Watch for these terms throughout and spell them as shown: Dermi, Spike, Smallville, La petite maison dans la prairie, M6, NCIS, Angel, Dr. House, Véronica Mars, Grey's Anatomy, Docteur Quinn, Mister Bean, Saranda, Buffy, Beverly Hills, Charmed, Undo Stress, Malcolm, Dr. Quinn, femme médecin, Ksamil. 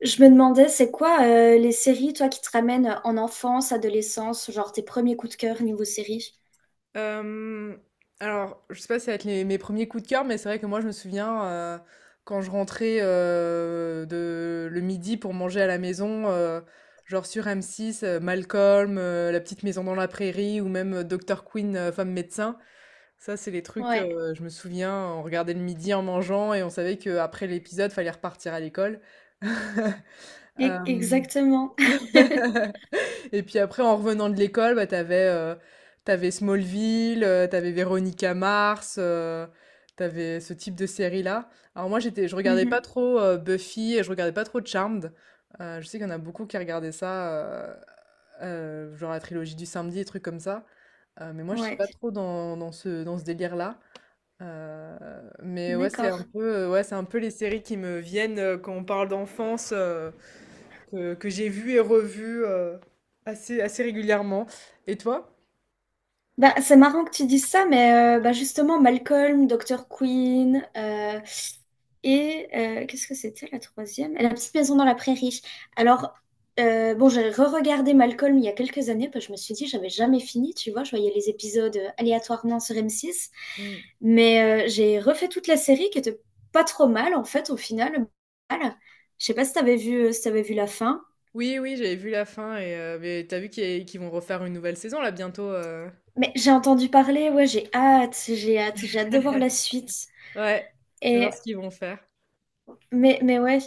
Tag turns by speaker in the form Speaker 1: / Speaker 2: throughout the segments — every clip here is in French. Speaker 1: Je me demandais, c'est quoi les séries, toi, qui te ramènent en enfance, adolescence, genre tes premiers coups de cœur niveau série?
Speaker 2: Hem, alors, je sais pas si ça va être les mes premiers coups de cœur, mais c'est vrai que moi, je me souviens, quand je rentrais, de le midi pour manger à la maison, genre sur M6, Malcolm, La petite maison dans la prairie ou même, Docteur Quinn, femme médecin. Ça, c'est les trucs,
Speaker 1: Ouais,
Speaker 2: je me souviens, on regardait le midi en mangeant et on savait qu'après l'épisode, fallait repartir à l'école. Hem
Speaker 1: exactement.
Speaker 2: Et puis après, en revenant de l'école, bah, t'avais Smallville, t'avais Véronica Mars, t'avais ce type de série-là. Alors moi, je regardais pas
Speaker 1: Mhm,
Speaker 2: trop Buffy et je regardais pas trop Charmed. Je sais qu'il y en a beaucoup qui regardaient ça, genre la trilogie du samedi, des trucs comme ça. Mais moi, je suis pas
Speaker 1: Ouais,
Speaker 2: trop dans ce délire-là. Mais ouais, c'est un
Speaker 1: d'accord.
Speaker 2: peu, ouais, c'est un peu les séries qui me viennent, quand on parle d'enfance, que j'ai vu et revu, assez régulièrement. Et toi?
Speaker 1: Bah, c'est marrant que tu dises ça, mais bah, justement, Malcolm, Dr. Queen, et qu'est-ce que c'était la troisième? La petite maison dans la prairie. Alors, bon, j'ai re-regardé Malcolm il y a quelques années, parce que je me suis dit, j'avais jamais fini, tu vois, je voyais les épisodes aléatoirement sur M6.
Speaker 2: Mm.
Speaker 1: Mais j'ai refait toute la série qui était pas trop mal en fait au final. Mal. Je sais pas si t'avais vu, si t'avais vu la fin,
Speaker 2: Oui, oui, j'avais vu la fin mais t'as vu qu'ils vont refaire une nouvelle saison là bientôt.
Speaker 1: mais j'ai entendu parler. Ouais, j'ai hâte, j'ai hâte, j'ai hâte de voir la suite.
Speaker 2: Ouais, je vais voir
Speaker 1: Et
Speaker 2: ce qu'ils vont faire.
Speaker 1: mais ouais.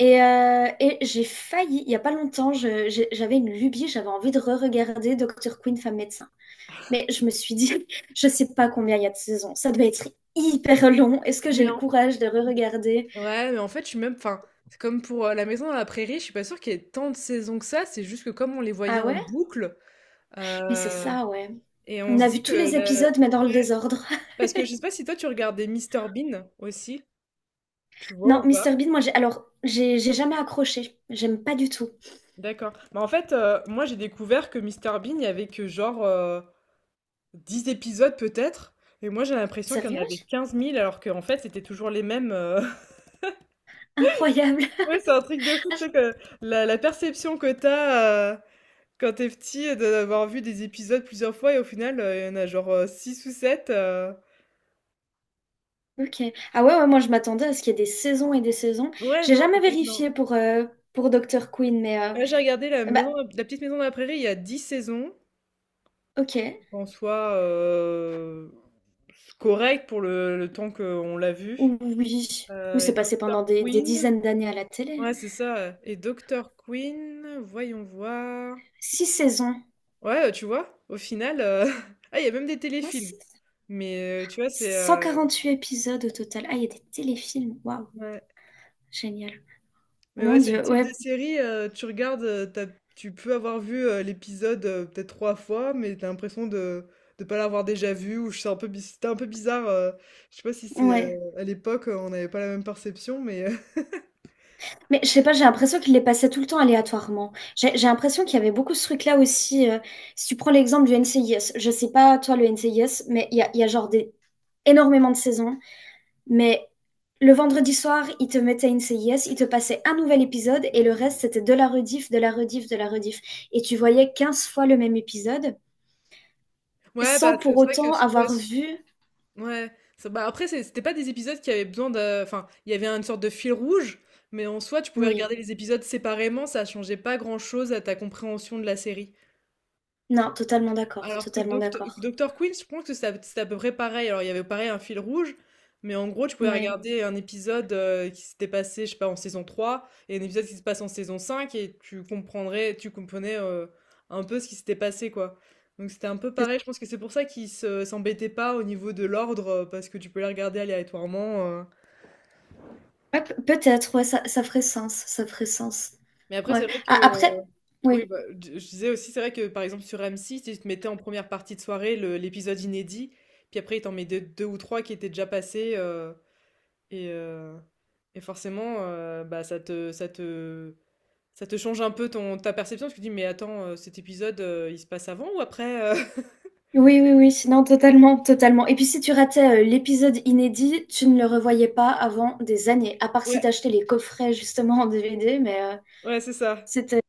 Speaker 1: Et j'ai failli, il y a pas longtemps, j'avais une lubie, j'avais envie de re-regarder Dr. Quinn, femme médecin. Mais je me suis dit, je sais pas combien il y a de saisons, ça doit être hyper long. Est-ce que j'ai
Speaker 2: Mais
Speaker 1: le
Speaker 2: en...
Speaker 1: courage de re-regarder?
Speaker 2: ouais, mais en fait, enfin, c'est comme pour, La Maison dans la Prairie, je suis pas sûre qu'il y ait tant de saisons que ça. C'est juste que comme on les voyait
Speaker 1: Ah
Speaker 2: en
Speaker 1: ouais?
Speaker 2: boucle,
Speaker 1: Mais c'est
Speaker 2: euh,
Speaker 1: ça, ouais.
Speaker 2: et on
Speaker 1: On
Speaker 2: se
Speaker 1: a vu
Speaker 2: dit
Speaker 1: tous les épisodes, mais dans le
Speaker 2: ouais,
Speaker 1: désordre.
Speaker 2: parce que je sais pas si toi tu regardais Mister Bean aussi, tu vois
Speaker 1: Non,
Speaker 2: ou pas?
Speaker 1: Mister Bean, moi, j'ai... Alors, j'ai jamais accroché. J'aime pas du tout.
Speaker 2: D'accord. Bah, en fait, moi j'ai découvert que Mister Bean, il y avait que genre, 10 épisodes peut-être. Et moi j'ai l'impression qu'il y en
Speaker 1: Sérieux?
Speaker 2: avait 15 000, alors qu'en fait c'était toujours les mêmes.
Speaker 1: Incroyable.
Speaker 2: Ouais, c'est un truc de fou, tu sais, que la perception que t'as, quand t'es petit, d'avoir vu des épisodes plusieurs fois et au final, il y en a genre, six ou 7.
Speaker 1: Ok. Ah ouais, ouais, moi, je m'attendais à ce qu'il y ait des saisons et des saisons.
Speaker 2: Ouais,
Speaker 1: J'ai
Speaker 2: non,
Speaker 1: jamais
Speaker 2: en fait, non.
Speaker 1: vérifié pour Dr. Queen, mais...
Speaker 2: Là, j'ai regardé la
Speaker 1: bah,
Speaker 2: maison, la petite maison de la prairie, il y a 10 saisons.
Speaker 1: ok.
Speaker 2: En soi, correct pour le temps qu'on l'a vu.
Speaker 1: Oui. Ou
Speaker 2: Et
Speaker 1: c'est passé pendant
Speaker 2: Dr.
Speaker 1: des
Speaker 2: Queen.
Speaker 1: dizaines d'années à la télé.
Speaker 2: Ouais, c'est ça. Et Dr. Queen, voyons voir.
Speaker 1: Six saisons.
Speaker 2: Ouais, tu vois, au final, ah, il y a même des
Speaker 1: Moi,
Speaker 2: téléfilms.
Speaker 1: c'est
Speaker 2: Mais, tu vois, c'est,
Speaker 1: huit épisodes au total. Ah, il y a des téléfilms. Waouh,
Speaker 2: ouais.
Speaker 1: génial.
Speaker 2: Mais
Speaker 1: Mon
Speaker 2: ouais, c'est le
Speaker 1: Dieu,
Speaker 2: type de
Speaker 1: ouais,
Speaker 2: série, tu regardes, tu peux avoir vu, l'épisode, peut-être trois fois, mais t'as l'impression de ne pas l'avoir déjà vu, ou je sais, un peu, c'était un peu bizarre. Je sais pas si c'est,
Speaker 1: ouais.
Speaker 2: à l'époque, on n'avait pas la même perception, mais...
Speaker 1: Mais je sais pas, j'ai l'impression qu'il les passait tout le temps aléatoirement. J'ai l'impression qu'il y avait beaucoup ce truc-là aussi. Si tu prends l'exemple du NCIS, je sais pas toi le NCIS, mais il y a genre énormément de saisons. Mais le vendredi soir, ils te mettaient NCIS, ils te passaient un nouvel épisode et le reste c'était de la rediff, de la rediff, de la rediff. Et tu voyais 15 fois le même épisode
Speaker 2: Ouais, bah,
Speaker 1: sans
Speaker 2: c'est
Speaker 1: pour
Speaker 2: c'est vrai que
Speaker 1: autant
Speaker 2: ouais.
Speaker 1: avoir vu.
Speaker 2: Ouais, ça bah, après c'était pas des épisodes qui avaient besoin de, enfin, il y avait une sorte de fil rouge, mais en soi, tu pouvais
Speaker 1: Oui,
Speaker 2: regarder les épisodes séparément, ça changeait pas grand-chose à ta compréhension de la série.
Speaker 1: non, totalement d'accord,
Speaker 2: Alors que
Speaker 1: totalement
Speaker 2: docteur
Speaker 1: d'accord.
Speaker 2: Doctor Quinn, je pense que c'était à peu près pareil. Alors, il y avait pareil un fil rouge, mais en gros, tu pouvais
Speaker 1: Ouais.
Speaker 2: regarder un épisode, qui s'était passé, je sais pas, en saison 3, et un épisode qui se passe en saison 5, et tu comprenais, un peu ce qui s'était passé, quoi. Donc, c'était un peu pareil. Je pense que c'est pour ça qu'ils s'embêtaient pas au niveau de l'ordre, parce que tu peux les regarder aléatoirement.
Speaker 1: Ouais, peut-être, ouais, ça ferait sens, ça ferait sens.
Speaker 2: Mais après, c'est
Speaker 1: Ouais.
Speaker 2: vrai que
Speaker 1: Après,
Speaker 2: oui,
Speaker 1: oui,
Speaker 2: bah, je disais aussi, c'est vrai que par exemple sur M6, ils te mettaient en première partie de soirée l'épisode inédit, puis après ils t'en mettaient deux ou trois qui étaient déjà passés, et, euh, et forcément, bah, ça te change un peu ta perception, parce que tu te dis, mais attends, cet épisode, il se passe avant ou après?
Speaker 1: oui, oui, oui, non, totalement, totalement. Et puis si tu ratais l'épisode inédit, tu ne le revoyais pas avant des années, à part si
Speaker 2: Ouais,
Speaker 1: t'achetais les coffrets justement en DVD, mais
Speaker 2: ouais, c'est ça.
Speaker 1: c'était,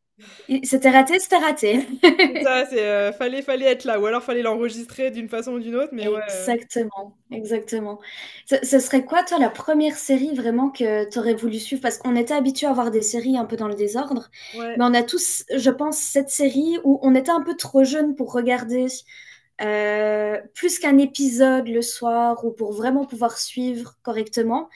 Speaker 1: c'était raté, c'était raté.
Speaker 2: C'est ça, c'est, fallait être là, ou alors fallait l'enregistrer d'une façon ou d'une autre, mais ouais.
Speaker 1: Exactement, exactement. Ce serait quoi, toi, la première série vraiment que tu aurais voulu suivre? Parce qu'on était habitué à voir des séries un peu dans le désordre, mais
Speaker 2: Ouais.
Speaker 1: on a tous, je pense, cette série où on était un peu trop jeune pour regarder plus qu'un épisode le soir ou pour vraiment pouvoir suivre correctement.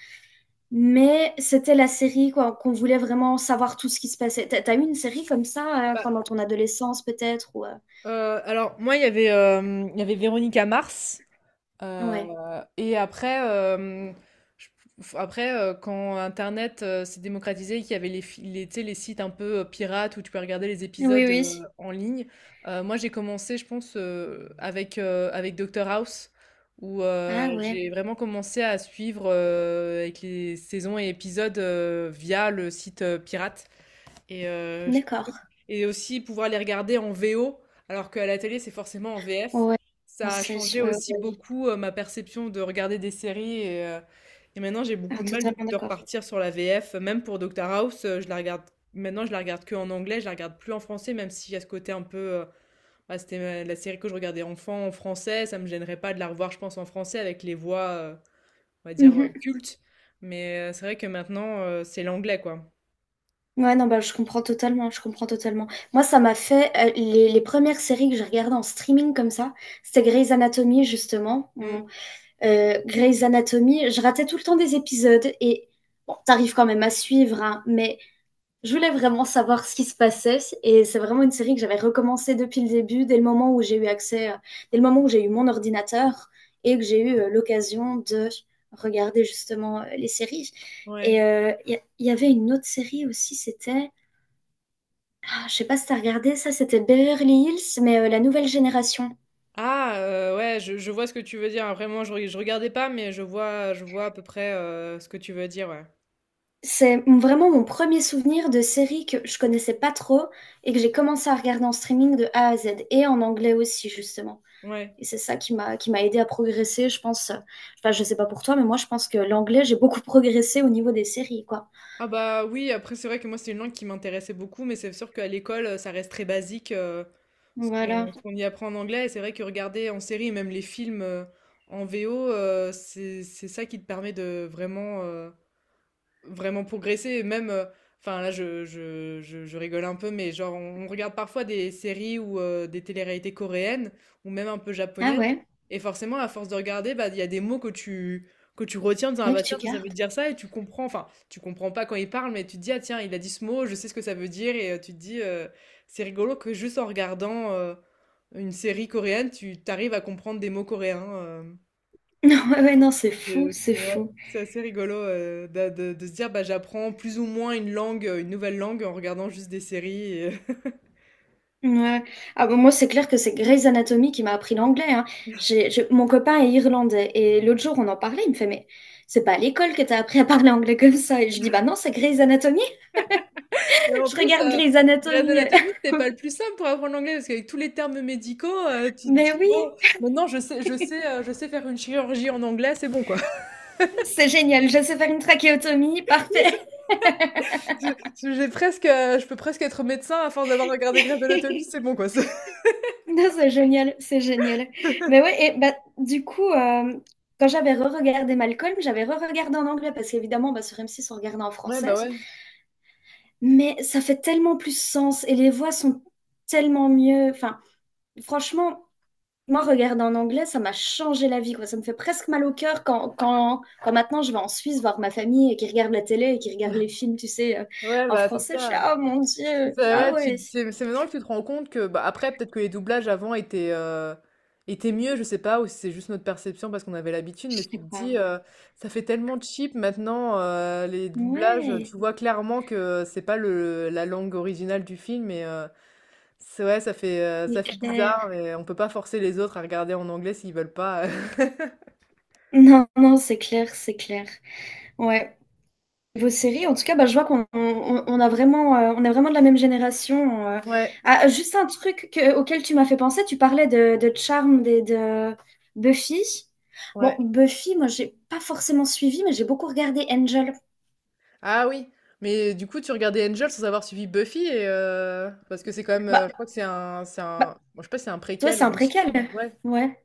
Speaker 1: Mais c'était la série quoi, qu'on voulait vraiment savoir tout ce qui se passait. T'as eu une série comme ça
Speaker 2: Bah,
Speaker 1: pendant ton adolescence peut-être ou,
Speaker 2: alors moi, il y avait Véronica Mars.
Speaker 1: Ouais.
Speaker 2: Et après, je- quand Internet, s'est démocratisé, et qu'il y avait tu sais, les sites un peu, pirates où tu peux regarder les
Speaker 1: Oui,
Speaker 2: épisodes,
Speaker 1: oui.
Speaker 2: en ligne, moi j'ai commencé, je pense, avec Dr House, où,
Speaker 1: Ah ouais,
Speaker 2: j'ai vraiment commencé à suivre, avec les saisons et épisodes, via le site, pirate. Et je pense que,
Speaker 1: d'accord.
Speaker 2: et aussi pouvoir les regarder en VO, alors qu'à la télé, c'est forcément en VF.
Speaker 1: Ouais,
Speaker 2: Ça a
Speaker 1: française,
Speaker 2: changé
Speaker 1: ouais, ouais.
Speaker 2: aussi
Speaker 1: ouais.
Speaker 2: beaucoup, ma perception de regarder des séries. Et maintenant, j'ai beaucoup
Speaker 1: Ah,
Speaker 2: de mal du
Speaker 1: totalement
Speaker 2: coup de
Speaker 1: d'accord.
Speaker 2: repartir sur la VF. Même pour Doctor House, je la regarde maintenant, je la regarde que en anglais, je la regarde plus en français, même s'il y a ce côté un peu. Bah, c'était la série que je regardais enfant en français, ça me gênerait pas de la revoir, je pense, en français avec les voix, on va dire,
Speaker 1: Mhm.
Speaker 2: cultes. Mais, c'est vrai que maintenant, c'est l'anglais, quoi.
Speaker 1: Ouais, non, bah, je comprends totalement, je comprends totalement. Moi, ça m'a fait, les premières séries que j'ai regardées en streaming comme ça, c'était Grey's Anatomy, justement.
Speaker 2: Mm.
Speaker 1: Grey's Anatomy, je ratais tout le temps des épisodes et bon, t'arrives quand même à suivre, hein, mais je voulais vraiment savoir ce qui se passait et c'est vraiment une série que j'avais recommencé depuis le début, dès le moment où j'ai eu accès, dès le moment où j'ai eu mon ordinateur et que j'ai eu l'occasion de regarder justement les séries. Et
Speaker 2: Ouais.
Speaker 1: il y avait une autre série aussi, c'était, ah, je sais pas si t'as regardé ça, c'était Beverly Hills, mais la nouvelle génération.
Speaker 2: Ah, ouais, je vois ce que tu veux dire. Après moi, je regardais pas, mais je vois à peu près, ce que tu veux dire, ouais.
Speaker 1: C'est vraiment mon premier souvenir de série que je connaissais pas trop et que j'ai commencé à regarder en streaming de A à Z et en anglais aussi justement.
Speaker 2: Ouais.
Speaker 1: Et c'est ça qui m'a aidé à progresser, je pense. Enfin, je sais pas pour toi, mais moi, je pense que l'anglais, j'ai beaucoup progressé au niveau des séries, quoi.
Speaker 2: Ah bah, oui, après c'est vrai que moi, c'est une langue qui m'intéressait beaucoup, mais c'est sûr qu'à l'école, ça reste très basique, ce qu'on
Speaker 1: Voilà.
Speaker 2: ce qu'on y apprend en anglais, et c'est vrai que regarder en série et même les films, en VO, c'est ça qui te permet de vraiment, vraiment progresser. Et même, enfin là, je rigole un peu, mais genre, on regarde parfois des séries ou, des téléréalités coréennes ou même un peu
Speaker 1: Ah
Speaker 2: japonaises.
Speaker 1: ouais.
Speaker 2: Et forcément, à force de regarder, bah, il y a des mots que tu retiens en disant, ah
Speaker 1: Ouais, que
Speaker 2: bah
Speaker 1: tu
Speaker 2: tiens, ça
Speaker 1: gardes.
Speaker 2: veut dire ça, et tu comprends, enfin, tu comprends pas quand il parle, mais tu te dis, ah tiens, il a dit ce mot, je sais ce que ça veut dire, et, tu te dis, c'est rigolo que juste en regardant, une série coréenne, tu t'arrives à comprendre des mots coréens.
Speaker 1: Non, ouais, ouais, non, c'est fou,
Speaker 2: Et
Speaker 1: c'est
Speaker 2: c'est ouais,
Speaker 1: fou.
Speaker 2: c'est assez rigolo, de se dire bah, j'apprends plus ou moins une langue, une nouvelle langue en regardant juste des séries. Et...
Speaker 1: Ouais. Ah bon, moi, c'est clair que c'est Grey's Anatomy qui m'a appris l'anglais, hein. Mon copain est irlandais et l'autre jour, on en parlait, il me fait, mais c'est pas à l'école que t'as appris à parler anglais comme ça. Et je dis, bah non, c'est Grey's Anatomy.
Speaker 2: Et en
Speaker 1: Je
Speaker 2: plus,
Speaker 1: regarde Grey's
Speaker 2: Grey's
Speaker 1: Anatomy.
Speaker 2: Anatomy, c'était pas le plus simple pour apprendre l'anglais parce qu'avec tous les termes médicaux, tu te
Speaker 1: Mais
Speaker 2: dis
Speaker 1: oui,
Speaker 2: bon, maintenant je sais faire une chirurgie en anglais, c'est bon quoi.
Speaker 1: c'est génial. Je sais faire une trachéotomie, parfait.
Speaker 2: Oui, c'est- j'ai presque, je peux presque être médecin à force d'avoir regardé Grey's Anatomy, c'est bon quoi.
Speaker 1: Non, c'est génial, c'est génial. Mais ouais, et bah, du coup, quand j'avais re-regardé Malcolm, j'avais re-regardé en anglais parce qu'évidemment, bah, sur M6, on regardait en
Speaker 2: Ouais, bah
Speaker 1: français.
Speaker 2: ouais.
Speaker 1: Mais ça fait tellement plus sens et les voix sont tellement mieux. Enfin, franchement, moi, regarder en anglais, ça m'a changé la vie, quoi. Ça me fait presque mal au cœur quand, maintenant je vais en Suisse voir ma famille et qui regarde la télé et qui regarde les films, tu sais,
Speaker 2: Ouais,
Speaker 1: en
Speaker 2: bah c'est
Speaker 1: français. Je suis
Speaker 2: ça.
Speaker 1: là, oh mon
Speaker 2: C'est
Speaker 1: Dieu,
Speaker 2: ça,
Speaker 1: ah
Speaker 2: ouais, tu
Speaker 1: ouais,
Speaker 2: c'est maintenant que tu te rends compte que, bah, après, peut-être que les doublages avant étaient mieux, je sais pas, ou si c'est juste notre perception parce qu'on avait l'habitude, mais
Speaker 1: je
Speaker 2: tu
Speaker 1: sais
Speaker 2: te
Speaker 1: pas.
Speaker 2: dis, «Ça fait tellement cheap maintenant», les doublages,
Speaker 1: Ouais,
Speaker 2: tu vois clairement que c'est pas le la langue originale du film, et c'est ouais, ça fait, heu, ça
Speaker 1: c'est
Speaker 2: fait
Speaker 1: clair.
Speaker 2: bizarre et on peut pas forcer les autres à regarder en anglais s'ils veulent pas.
Speaker 1: Non, non, c'est clair, c'est clair. Ouais. Vos séries, en tout cas, bah, je vois qu'on on a vraiment, on est vraiment de la même génération.
Speaker 2: Ouais,
Speaker 1: Ah, juste un truc auquel tu m'as fait penser, tu parlais de Charmed et de Buffy. Bon,
Speaker 2: ouais.
Speaker 1: Buffy, moi, j'ai pas forcément suivi, mais j'ai beaucoup regardé Angel.
Speaker 2: Ah oui, mais du coup, tu regardais Angel sans avoir suivi Buffy, et parce que c'est quand même,
Speaker 1: Bah,
Speaker 2: je crois que c'est un,
Speaker 1: bah,
Speaker 2: bon, je sais pas, si c'est un
Speaker 1: toi,
Speaker 2: préquel
Speaker 1: c'est un
Speaker 2: ou une suite,
Speaker 1: préquel.
Speaker 2: mais ouais,
Speaker 1: Ouais,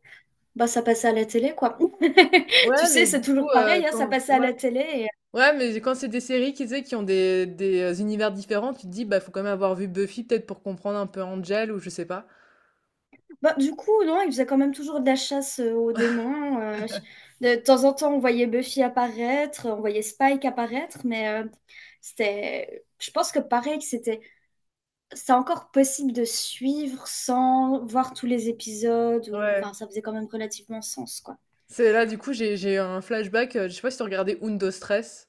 Speaker 1: bah, ça passait à la télé, quoi. Tu
Speaker 2: ouais,
Speaker 1: sais,
Speaker 2: mais
Speaker 1: c'est
Speaker 2: du coup,
Speaker 1: toujours pareil, hein, ça passait à
Speaker 2: ouais,
Speaker 1: la télé.
Speaker 2: ouais, mais quand c'est des séries qui, tu sais, qui ont des univers différents, tu te dis, bah, faut quand même avoir vu Buffy peut-être pour comprendre un peu Angel ou je sais pas.
Speaker 1: Bah, du coup, non, il faisait quand même toujours de la chasse aux démons. De temps en temps, on voyait Buffy apparaître, on voyait Spike apparaître, mais c'était. Je pense que pareil, que c'était. C'est encore possible de suivre sans voir tous les épisodes, ou.
Speaker 2: Ouais.
Speaker 1: Enfin, ça faisait quand même relativement sens, quoi.
Speaker 2: C'est là, du coup, j'ai eu un flashback. Je sais pas si tu regardais Undo Stress.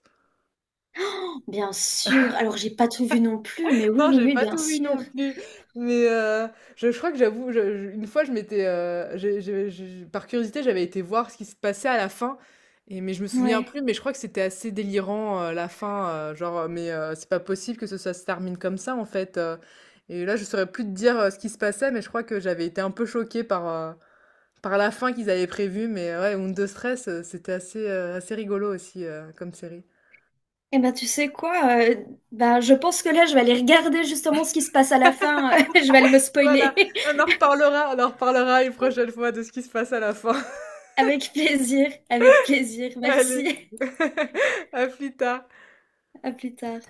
Speaker 1: Bien sûr. Alors, j'ai pas tout vu non plus, mais oui,
Speaker 2: Non,
Speaker 1: oui,
Speaker 2: j'ai
Speaker 1: oui,
Speaker 2: pas
Speaker 1: bien
Speaker 2: tout vu
Speaker 1: sûr.
Speaker 2: non plus, mais, je crois que j'avoue, je une fois, je m'étais, j'ai par curiosité, j'avais été voir ce qui se passait à la fin, et mais je me souviens
Speaker 1: Ouais.
Speaker 2: plus, mais je crois que c'était assez délirant, la fin, c'est pas possible que ce ça se termine comme ça, en fait, et là, je saurais plus te dire, ce qui se passait, mais je crois que j'avais été un peu choquée par, par la fin qu'ils avaient prévue, mais ouais, Undo Stress, c'était assez rigolo aussi, comme série.
Speaker 1: Eh ben, tu sais quoi? euh, ben, je pense que là, je vais aller regarder justement ce qui se passe à la fin. Je vais aller me
Speaker 2: Voilà,
Speaker 1: spoiler.
Speaker 2: on en reparlera une prochaine fois de ce qui se passe à la fin.
Speaker 1: Avec plaisir, avec plaisir.
Speaker 2: Allez,
Speaker 1: Merci.
Speaker 2: à plus tard.
Speaker 1: À plus tard.